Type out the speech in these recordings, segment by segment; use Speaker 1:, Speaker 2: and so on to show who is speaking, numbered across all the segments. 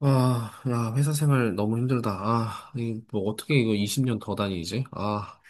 Speaker 1: 아, 야, 회사 생활 너무 힘들다. 아, 이, 뭐, 어떻게 이거 20년 더 다니지? 아,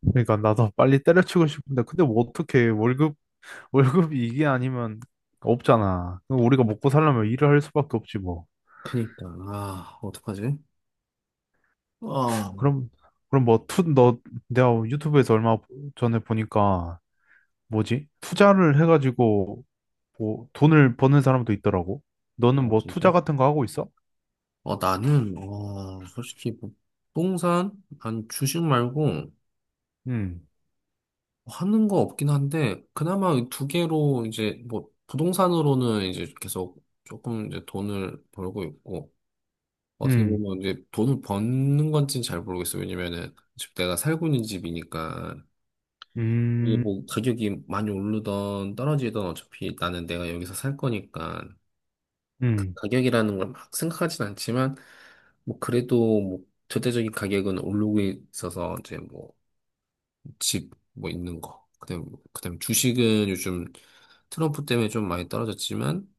Speaker 2: 그러니까 나도 빨리 때려치고 싶은데 근데 뭐 어떻게 월급이 이게 아니면 없잖아. 그럼 우리가 먹고 살려면 일을 할 수밖에 없지 뭐.
Speaker 1: 그니까, 아, 어떡하지? 아,
Speaker 2: 그럼 그럼 뭐 투 너 내가 유튜브에서 얼마 전에 보니까 뭐지? 투자를 해가지고 뭐 돈을 버는 사람도 있더라고.
Speaker 1: 아,
Speaker 2: 너는 뭐
Speaker 1: 진짜?
Speaker 2: 투자 같은 거 하고 있어?
Speaker 1: 어, 나는, 어, 솔직히, 뭐, 부동산, 아니 주식 말고,
Speaker 2: 음,
Speaker 1: 하는 거 없긴 한데, 그나마 이두 개로, 이제, 뭐, 부동산으로는 이제 계속 조금 이제 돈을 벌고 있고, 어떻게
Speaker 2: 음,
Speaker 1: 보면 이제 돈을 버는 건지는 잘 모르겠어. 왜냐면은, 지금 내가 살고 있는 집이니까, 이게
Speaker 2: 음,
Speaker 1: 뭐 가격이 많이 오르던 떨어지던 어차피 나는 내가 여기서 살 거니까 그
Speaker 2: 음,
Speaker 1: 가격이라는 걸 막 생각하진 않지만 뭐 그래도 뭐 절대적인 가격은 오르고 있어서 이제 뭐 집 뭐 있는 거 그다음 주식은 요즘 트럼프 때문에 좀 많이 떨어졌지만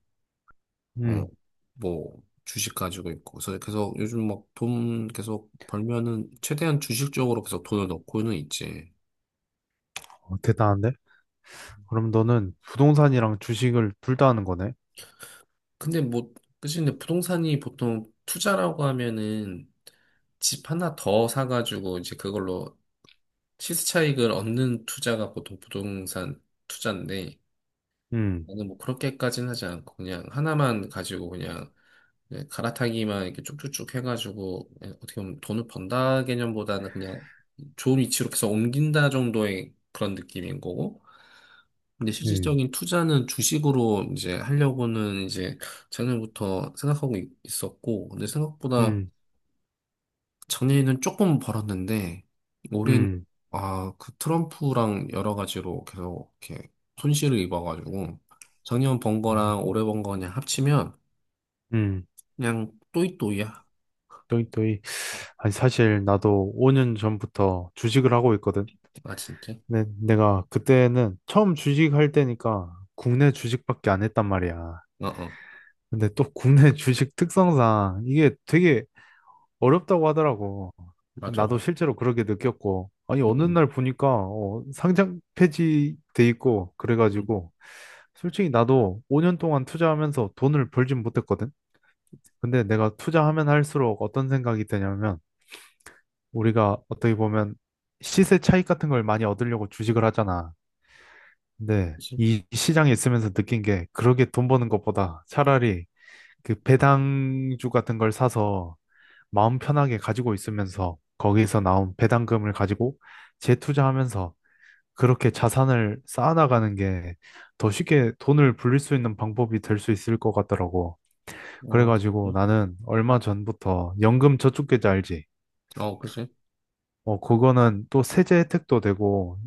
Speaker 2: 음.
Speaker 1: 어뭐 주식 가지고 있고, 그래서 계속 요즘 막 돈 계속 벌면은 최대한 주식 쪽으로 계속 돈을 넣고는 있지.
Speaker 2: 어, 대단한데? 그럼 너는 부동산이랑 주식을 둘 다 하는 거네?
Speaker 1: 근데 뭐, 그치, 근데 부동산이 보통 투자라고 하면은 집 하나 더 사가지고 이제 그걸로 시세 차익을 얻는 투자가 보통 부동산 투자인데,
Speaker 2: 음,
Speaker 1: 나는 뭐 그렇게까지는 하지 않고 그냥 하나만 가지고 그냥, 예, 갈아타기만 이렇게 쭉쭉쭉 해가지고, 예, 어떻게 보면 돈을 번다 개념보다는 그냥 좋은 위치로 계속 옮긴다 정도의 그런 느낌인 거고. 근데
Speaker 2: 음,
Speaker 1: 실질적인 투자는 주식으로 이제 하려고는 이제 작년부터 생각하고 있었고, 근데 생각보다
Speaker 2: 음,
Speaker 1: 작년에는 조금 벌었는데, 올해는,
Speaker 2: 음.
Speaker 1: 아, 그 트럼프랑 여러 가지로 계속 이렇게 손실을 입어가지고, 작년 번 거랑 올해 번거 그냥 합치면
Speaker 2: 음.
Speaker 1: 그냥 또이또이야.
Speaker 2: 또이 또이. 아니 사실 나도 5년 전부터 주식을 하고 있거든.
Speaker 1: 아, 진짜?
Speaker 2: 내가 그때는 처음 주식할 때니까 국내 주식밖에 안 했단 말이야.
Speaker 1: 어, 어,
Speaker 2: 근데 또 국내 주식 특성상 이게 되게 어렵다고 하더라고. 그
Speaker 1: 맞아,
Speaker 2: 나도
Speaker 1: 맞아.
Speaker 2: 실제로 그렇게 느꼈고. 아니 어느
Speaker 1: 응,
Speaker 2: 날 보니까 상장 폐지돼 있고
Speaker 1: 응.
Speaker 2: 그래가지고 솔직히 나도 5년 동안 투자하면서 돈을 벌진 못했거든. 근데 내가 투자하면 할수록 어떤 생각이 드냐면 우리가 어떻게 보면 시세 차익 같은 걸 많이 얻으려고 주식을 하잖아. 근데
Speaker 1: 그치?
Speaker 2: 이 시장에 있으면서 느낀 게 그렇게 돈 버는 것보다 차라리 그 배당주 같은 걸 사서 마음 편하게 가지고 있으면서 거기서 나온 배당금을 가지고 재투자하면서 그렇게 자산을 쌓아나가는 게 더 쉽게 돈을 불릴 수 있는 방법이 될 수 있을 것 같더라고.
Speaker 1: 어,
Speaker 2: 그래가지고
Speaker 1: 진짜?
Speaker 2: 나는 얼마 전부터 연금 저축계좌 알지?
Speaker 1: 어, 그치?
Speaker 2: 어, 그거는 또 세제 혜택도 되고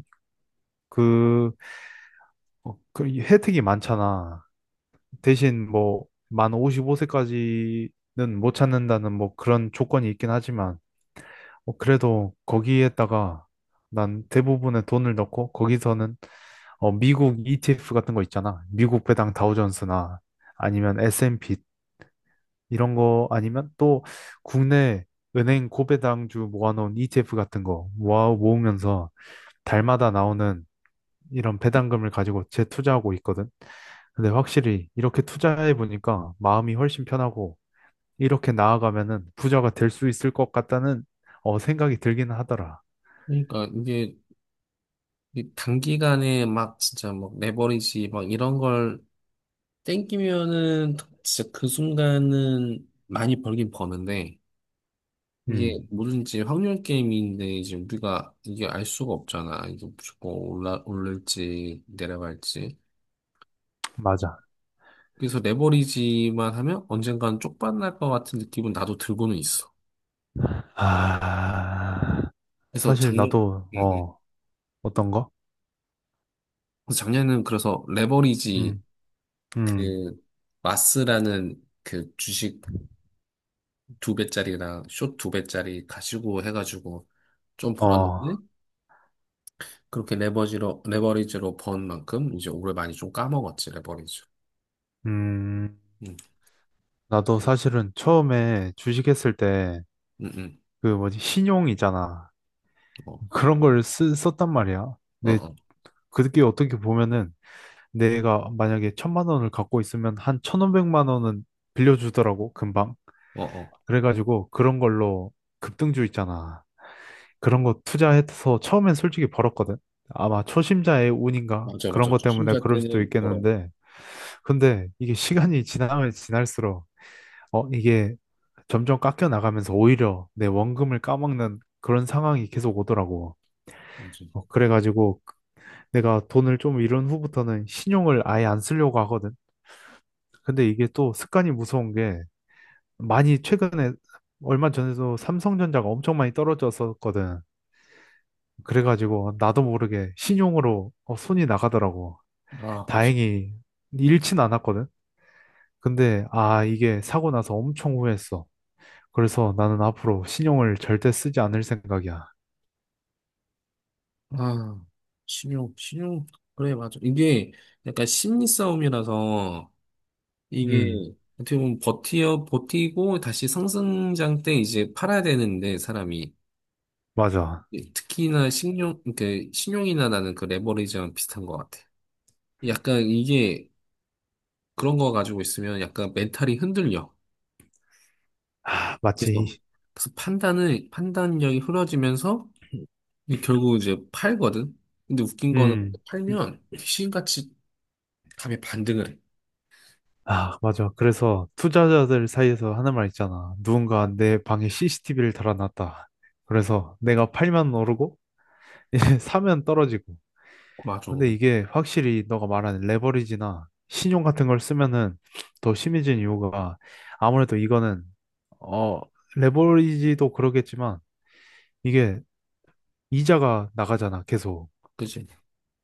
Speaker 2: 그, 그 혜택이 많잖아. 대신 뭐, 만 55세까지는 못 찾는다는 뭐 그런 조건이 있긴 하지만, 그래도 거기에다가 난 대부분의 돈을 넣고, 거기서는 미국 ETF 같은 거 있잖아. 미국 배당 다우존스나 아니면 S&P 이런 거 아니면 또 국내 은행 고배당주 모아놓은 ETF 같은 거 모아 모으면서 달마다 나오는 이런 배당금을 가지고 재투자하고 있거든. 근데 확실히 이렇게 투자해 보니까 마음이 훨씬 편하고 이렇게 나아가면은 부자가 될 수 있을 것 같다는 생각이 들기는 하더라.
Speaker 1: 그러니까 이게, 이 단기간에 막 진짜 막 레버리지 막 이런 걸 땡기면은 진짜 그 순간은 많이 벌긴 버는데, 이게
Speaker 2: 음,
Speaker 1: 뭐든지 확률 게임인데 이제 우리가 이게 알 수가 없잖아. 이게 무조건 올라 올릴지 내려갈지.
Speaker 2: 맞아.
Speaker 1: 그래서 레버리지만 하면 언젠간 쪽박날 것 같은 느낌은 나도 들고는 있어.
Speaker 2: 아,
Speaker 1: 그래서
Speaker 2: 사실
Speaker 1: 작년
Speaker 2: 나도
Speaker 1: 응, 응.
Speaker 2: 어떤 거?
Speaker 1: 그래서 작년에는 그래서 레버리지,
Speaker 2: 음, 음,
Speaker 1: 그 마스라는 그 주식 두 배짜리랑 숏 두 배짜리 가지고 해가지고 좀 벌었는데,
Speaker 2: 어,
Speaker 1: 그렇게 레버지로 레버리지로 번 만큼 이제 올해 많이 좀 까먹었지, 레버리지.
Speaker 2: 음,
Speaker 1: 응,
Speaker 2: 나도 사실은 처음에 주식했을 때
Speaker 1: 응, 응.
Speaker 2: 그 뭐지 신용이잖아.
Speaker 1: 어,
Speaker 2: 그런 걸 썼단 말이야.
Speaker 1: 어,
Speaker 2: 근데
Speaker 1: 어,
Speaker 2: 그게 어떻게 보면은 내가 만약에 천만 원을 갖고 있으면 한 천오백만 원은 빌려주더라고, 금방.
Speaker 1: 어, 어.
Speaker 2: 그래가지고 그런 걸로 급등주 있잖아. 그런 거 투자해서 처음엔 솔직히 벌었거든. 아마 초심자의 운인가?
Speaker 1: 맞아,
Speaker 2: 그런
Speaker 1: 맞아.
Speaker 2: 것 때문에
Speaker 1: 투자자
Speaker 2: 그럴 수도
Speaker 1: 때는 벌어.
Speaker 2: 있겠는데. 근데 이게 시간이 지나면 지날수록, 이게 점점 깎여 나가면서 오히려 내 원금을 까먹는 그런 상황이 계속 오더라고.
Speaker 1: 이제.
Speaker 2: 그래가지고 내가 돈을 좀 잃은 후부터는 신용을 아예 안 쓰려고 하거든. 근데 이게 또 습관이 무서운 게 많이 최근에 얼마 전에도 삼성전자가 엄청 많이 떨어졌었거든. 그래가지고 나도 모르게 신용으로 손이 나가더라고.
Speaker 1: 아, 맞아.
Speaker 2: 다행히 잃진 않았거든. 근데 아 이게 사고 나서 엄청 후회했어. 그래서 나는 앞으로 신용을 절대 쓰지 않을 생각이야.
Speaker 1: 아, 신용, 신용. 그래, 맞아. 이게 약간 심리 싸움이라서, 이게
Speaker 2: 음,
Speaker 1: 어떻게 보면 버티고 다시 상승장 때 이제 팔아야 되는데 사람이,
Speaker 2: 맞아.
Speaker 1: 네, 특히나 신용이나 나는 그 레버리지랑 비슷한 것 같아. 약간 이게 그런 거 가지고 있으면 약간 멘탈이 흔들려.
Speaker 2: 하, 마치
Speaker 1: 그래서, 그래서 판단력이 흐려지면서 이게 결국 이제 팔거든? 근데 웃긴 거는
Speaker 2: 음.
Speaker 1: 팔면 귀신같이 답이 반등을 해.
Speaker 2: 아, 맞아. 그래서 투자자들 사이에서 하는 말 있잖아. 누군가 내 방에 CCTV를 달아놨다. 그래서 내가 팔면 오르고, 이제 사면 떨어지고.
Speaker 1: 맞아.
Speaker 2: 근데 이게 확실히 너가 말하는 레버리지나 신용 같은 걸 쓰면은 더 심해진 이유가 아무래도 이거는, 어, 레버리지도 그러겠지만 이게 이자가 나가잖아. 계속.
Speaker 1: 그지?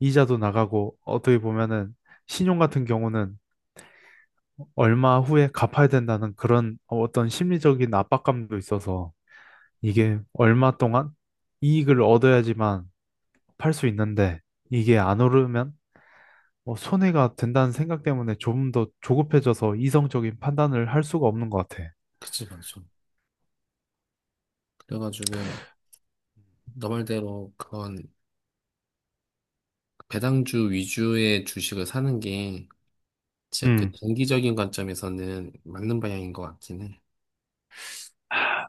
Speaker 2: 이자도 나가고, 어떻게 보면은 신용 같은 경우는 얼마 후에 갚아야 된다는 그런 어떤 심리적인 압박감도 있어서 이게 얼마 동안 이익을 얻어야지만 팔 수 있는데 이게 안 오르면 뭐 손해가 된다는 생각 때문에 조금 더 조급해져서 이성적인 판단을 할 수가 없는 것 같아.
Speaker 1: 그지, 맞아. 그래가지고, 너 말대로 그런 배당주 위주의 주식을 사는 게 진짜 그
Speaker 2: 음,
Speaker 1: 장기적인 관점에서는 맞는 방향인 것 같긴 해.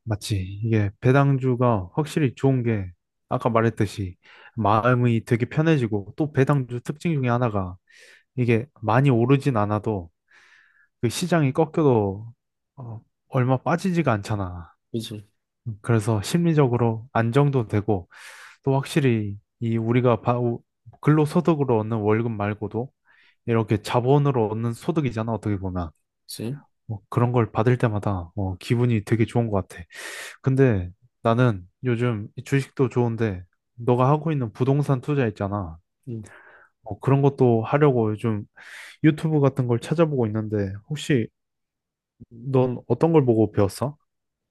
Speaker 2: 맞지. 이게 배당주가 확실히 좋은 게 아까 말했듯이 마음이 되게 편해지고 또 배당주 특징 중에 하나가 이게 많이 오르진 않아도 그 시장이 꺾여도 어, 얼마 빠지지가 않잖아.
Speaker 1: 그치?
Speaker 2: 그래서 심리적으로 안정도 되고 또 확실히 이 우리가 근로소득으로 얻는 월급 말고도 이렇게 자본으로 얻는 소득이잖아 어떻게 보면
Speaker 1: 그치?
Speaker 2: 뭐 그런 걸 받을 때마다 기분이 되게 좋은 것 같아. 근데 나는 요즘 이 주식도 좋은데 너가 하고 있는 부동산 투자 있잖아.
Speaker 1: 음,
Speaker 2: 그런 것도 하려고 요즘 유튜브 같은 걸 찾아보고 있는데 혹시 넌 어떤 걸 보고 배웠어?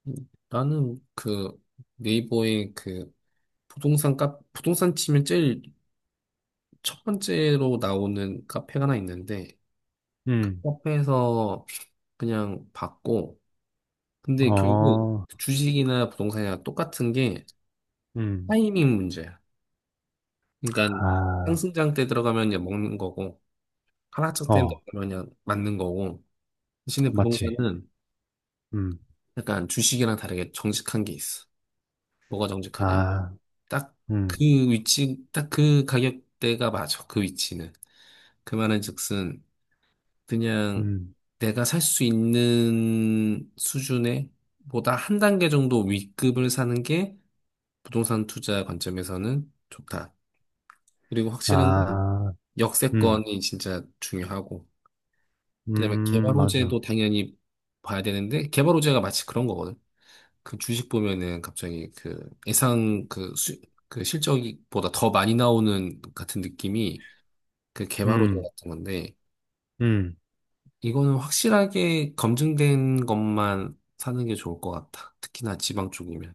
Speaker 1: 음. 나는 그 네이버에 그 부동산 치면 제일 첫 번째로 나오는 카페가 하나 있는데, 그 카페에서 그냥 봤고. 근데 결국
Speaker 2: 어,
Speaker 1: 주식이나 부동산이랑 똑같은 게
Speaker 2: 음,
Speaker 1: 타이밍 문제야. 그러니까
Speaker 2: 아,
Speaker 1: 상승장 때 들어가면 그냥 먹는 거고, 하락장 때
Speaker 2: 어,
Speaker 1: 들어가면 그냥 맞는 거고. 대신에
Speaker 2: 맞지.
Speaker 1: 부동산은
Speaker 2: 음,
Speaker 1: 약간 주식이랑 다르게 정직한 게 있어. 뭐가 정직하냐면
Speaker 2: 아,
Speaker 1: 딱 그
Speaker 2: 음,
Speaker 1: 위치, 딱 그 가격대가 맞아 그 위치는. 그 말은즉슨 그냥
Speaker 2: 음,
Speaker 1: 내가 살 수 있는 수준에 보다 한 단계 정도 윗급을 사는 게 부동산 투자 관점에서는 좋다. 그리고 확실한 건
Speaker 2: 아, 음,
Speaker 1: 역세권이 진짜 중요하고, 그다음에 개발
Speaker 2: 맞아.
Speaker 1: 호재도 당연히 봐야 되는데. 개발 호재가 마치 그런 거거든. 그 주식 보면은 갑자기 그 예상, 그, 수, 그 실적보다 더 많이 나오는 같은 느낌이 그 개발호재
Speaker 2: 음,
Speaker 1: 같은 건데,
Speaker 2: 음,
Speaker 1: 이거는 확실하게 검증된 것만 사는 게 좋을 것 같다. 특히나 지방 쪽이면.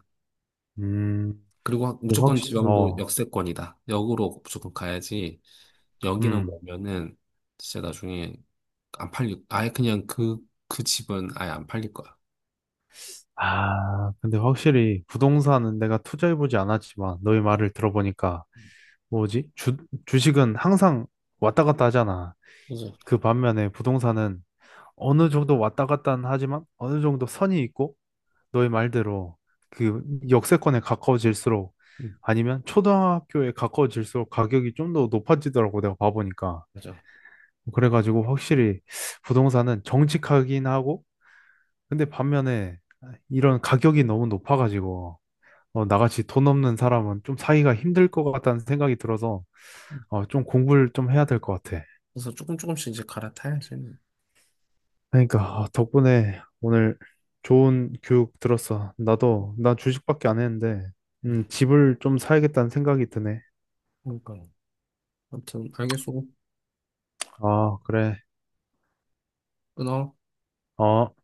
Speaker 2: 음.
Speaker 1: 그리고
Speaker 2: 근데
Speaker 1: 무조건
Speaker 2: 확실히,
Speaker 1: 지방도
Speaker 2: 어,
Speaker 1: 역세권이다. 역으로 무조건 가야지, 여기랑
Speaker 2: 음.
Speaker 1: 보면은 진짜 나중에 안 팔릴, 아예 그냥 그, 그 집은 아예 안 팔릴 거야.
Speaker 2: 아, 근데 확실히 부동산은 내가 투자해보지 않았지만 너의 말을 들어보니까 뭐지? 주식은 항상 왔다 갔다 하잖아.
Speaker 1: 그죠?
Speaker 2: 그 반면에 부동산은 어느 정도 왔다 갔다 하지만 어느 정도 선이 있고 너의 말대로 그 역세권에 가까워질수록
Speaker 1: 응,
Speaker 2: 아니면 초등학교에 가까워질수록 가격이 좀 더 높아지더라고 내가 봐보니까.
Speaker 1: 맞아.
Speaker 2: 그래가지고 확실히 부동산은 정직하긴 하고 근데 반면에 이런 가격이 너무 높아가지고 나같이 돈 없는 사람은 좀 사기가 힘들 것 같다는 생각이 들어서
Speaker 1: 응.
Speaker 2: 좀 공부를 좀 해야 될 것 같아.
Speaker 1: 그래서 조금씩 이제 갈아타야지.
Speaker 2: 그러니까 아, 덕분에 오늘 좋은 교육 들었어. 나도 나 주식밖에 안 했는데
Speaker 1: 응.
Speaker 2: 집을 좀 사야겠다는 생각이 드네.
Speaker 1: 그러니까요. 아무튼 알겠어.
Speaker 2: 아, 그래.
Speaker 1: 끊어.
Speaker 2: 어.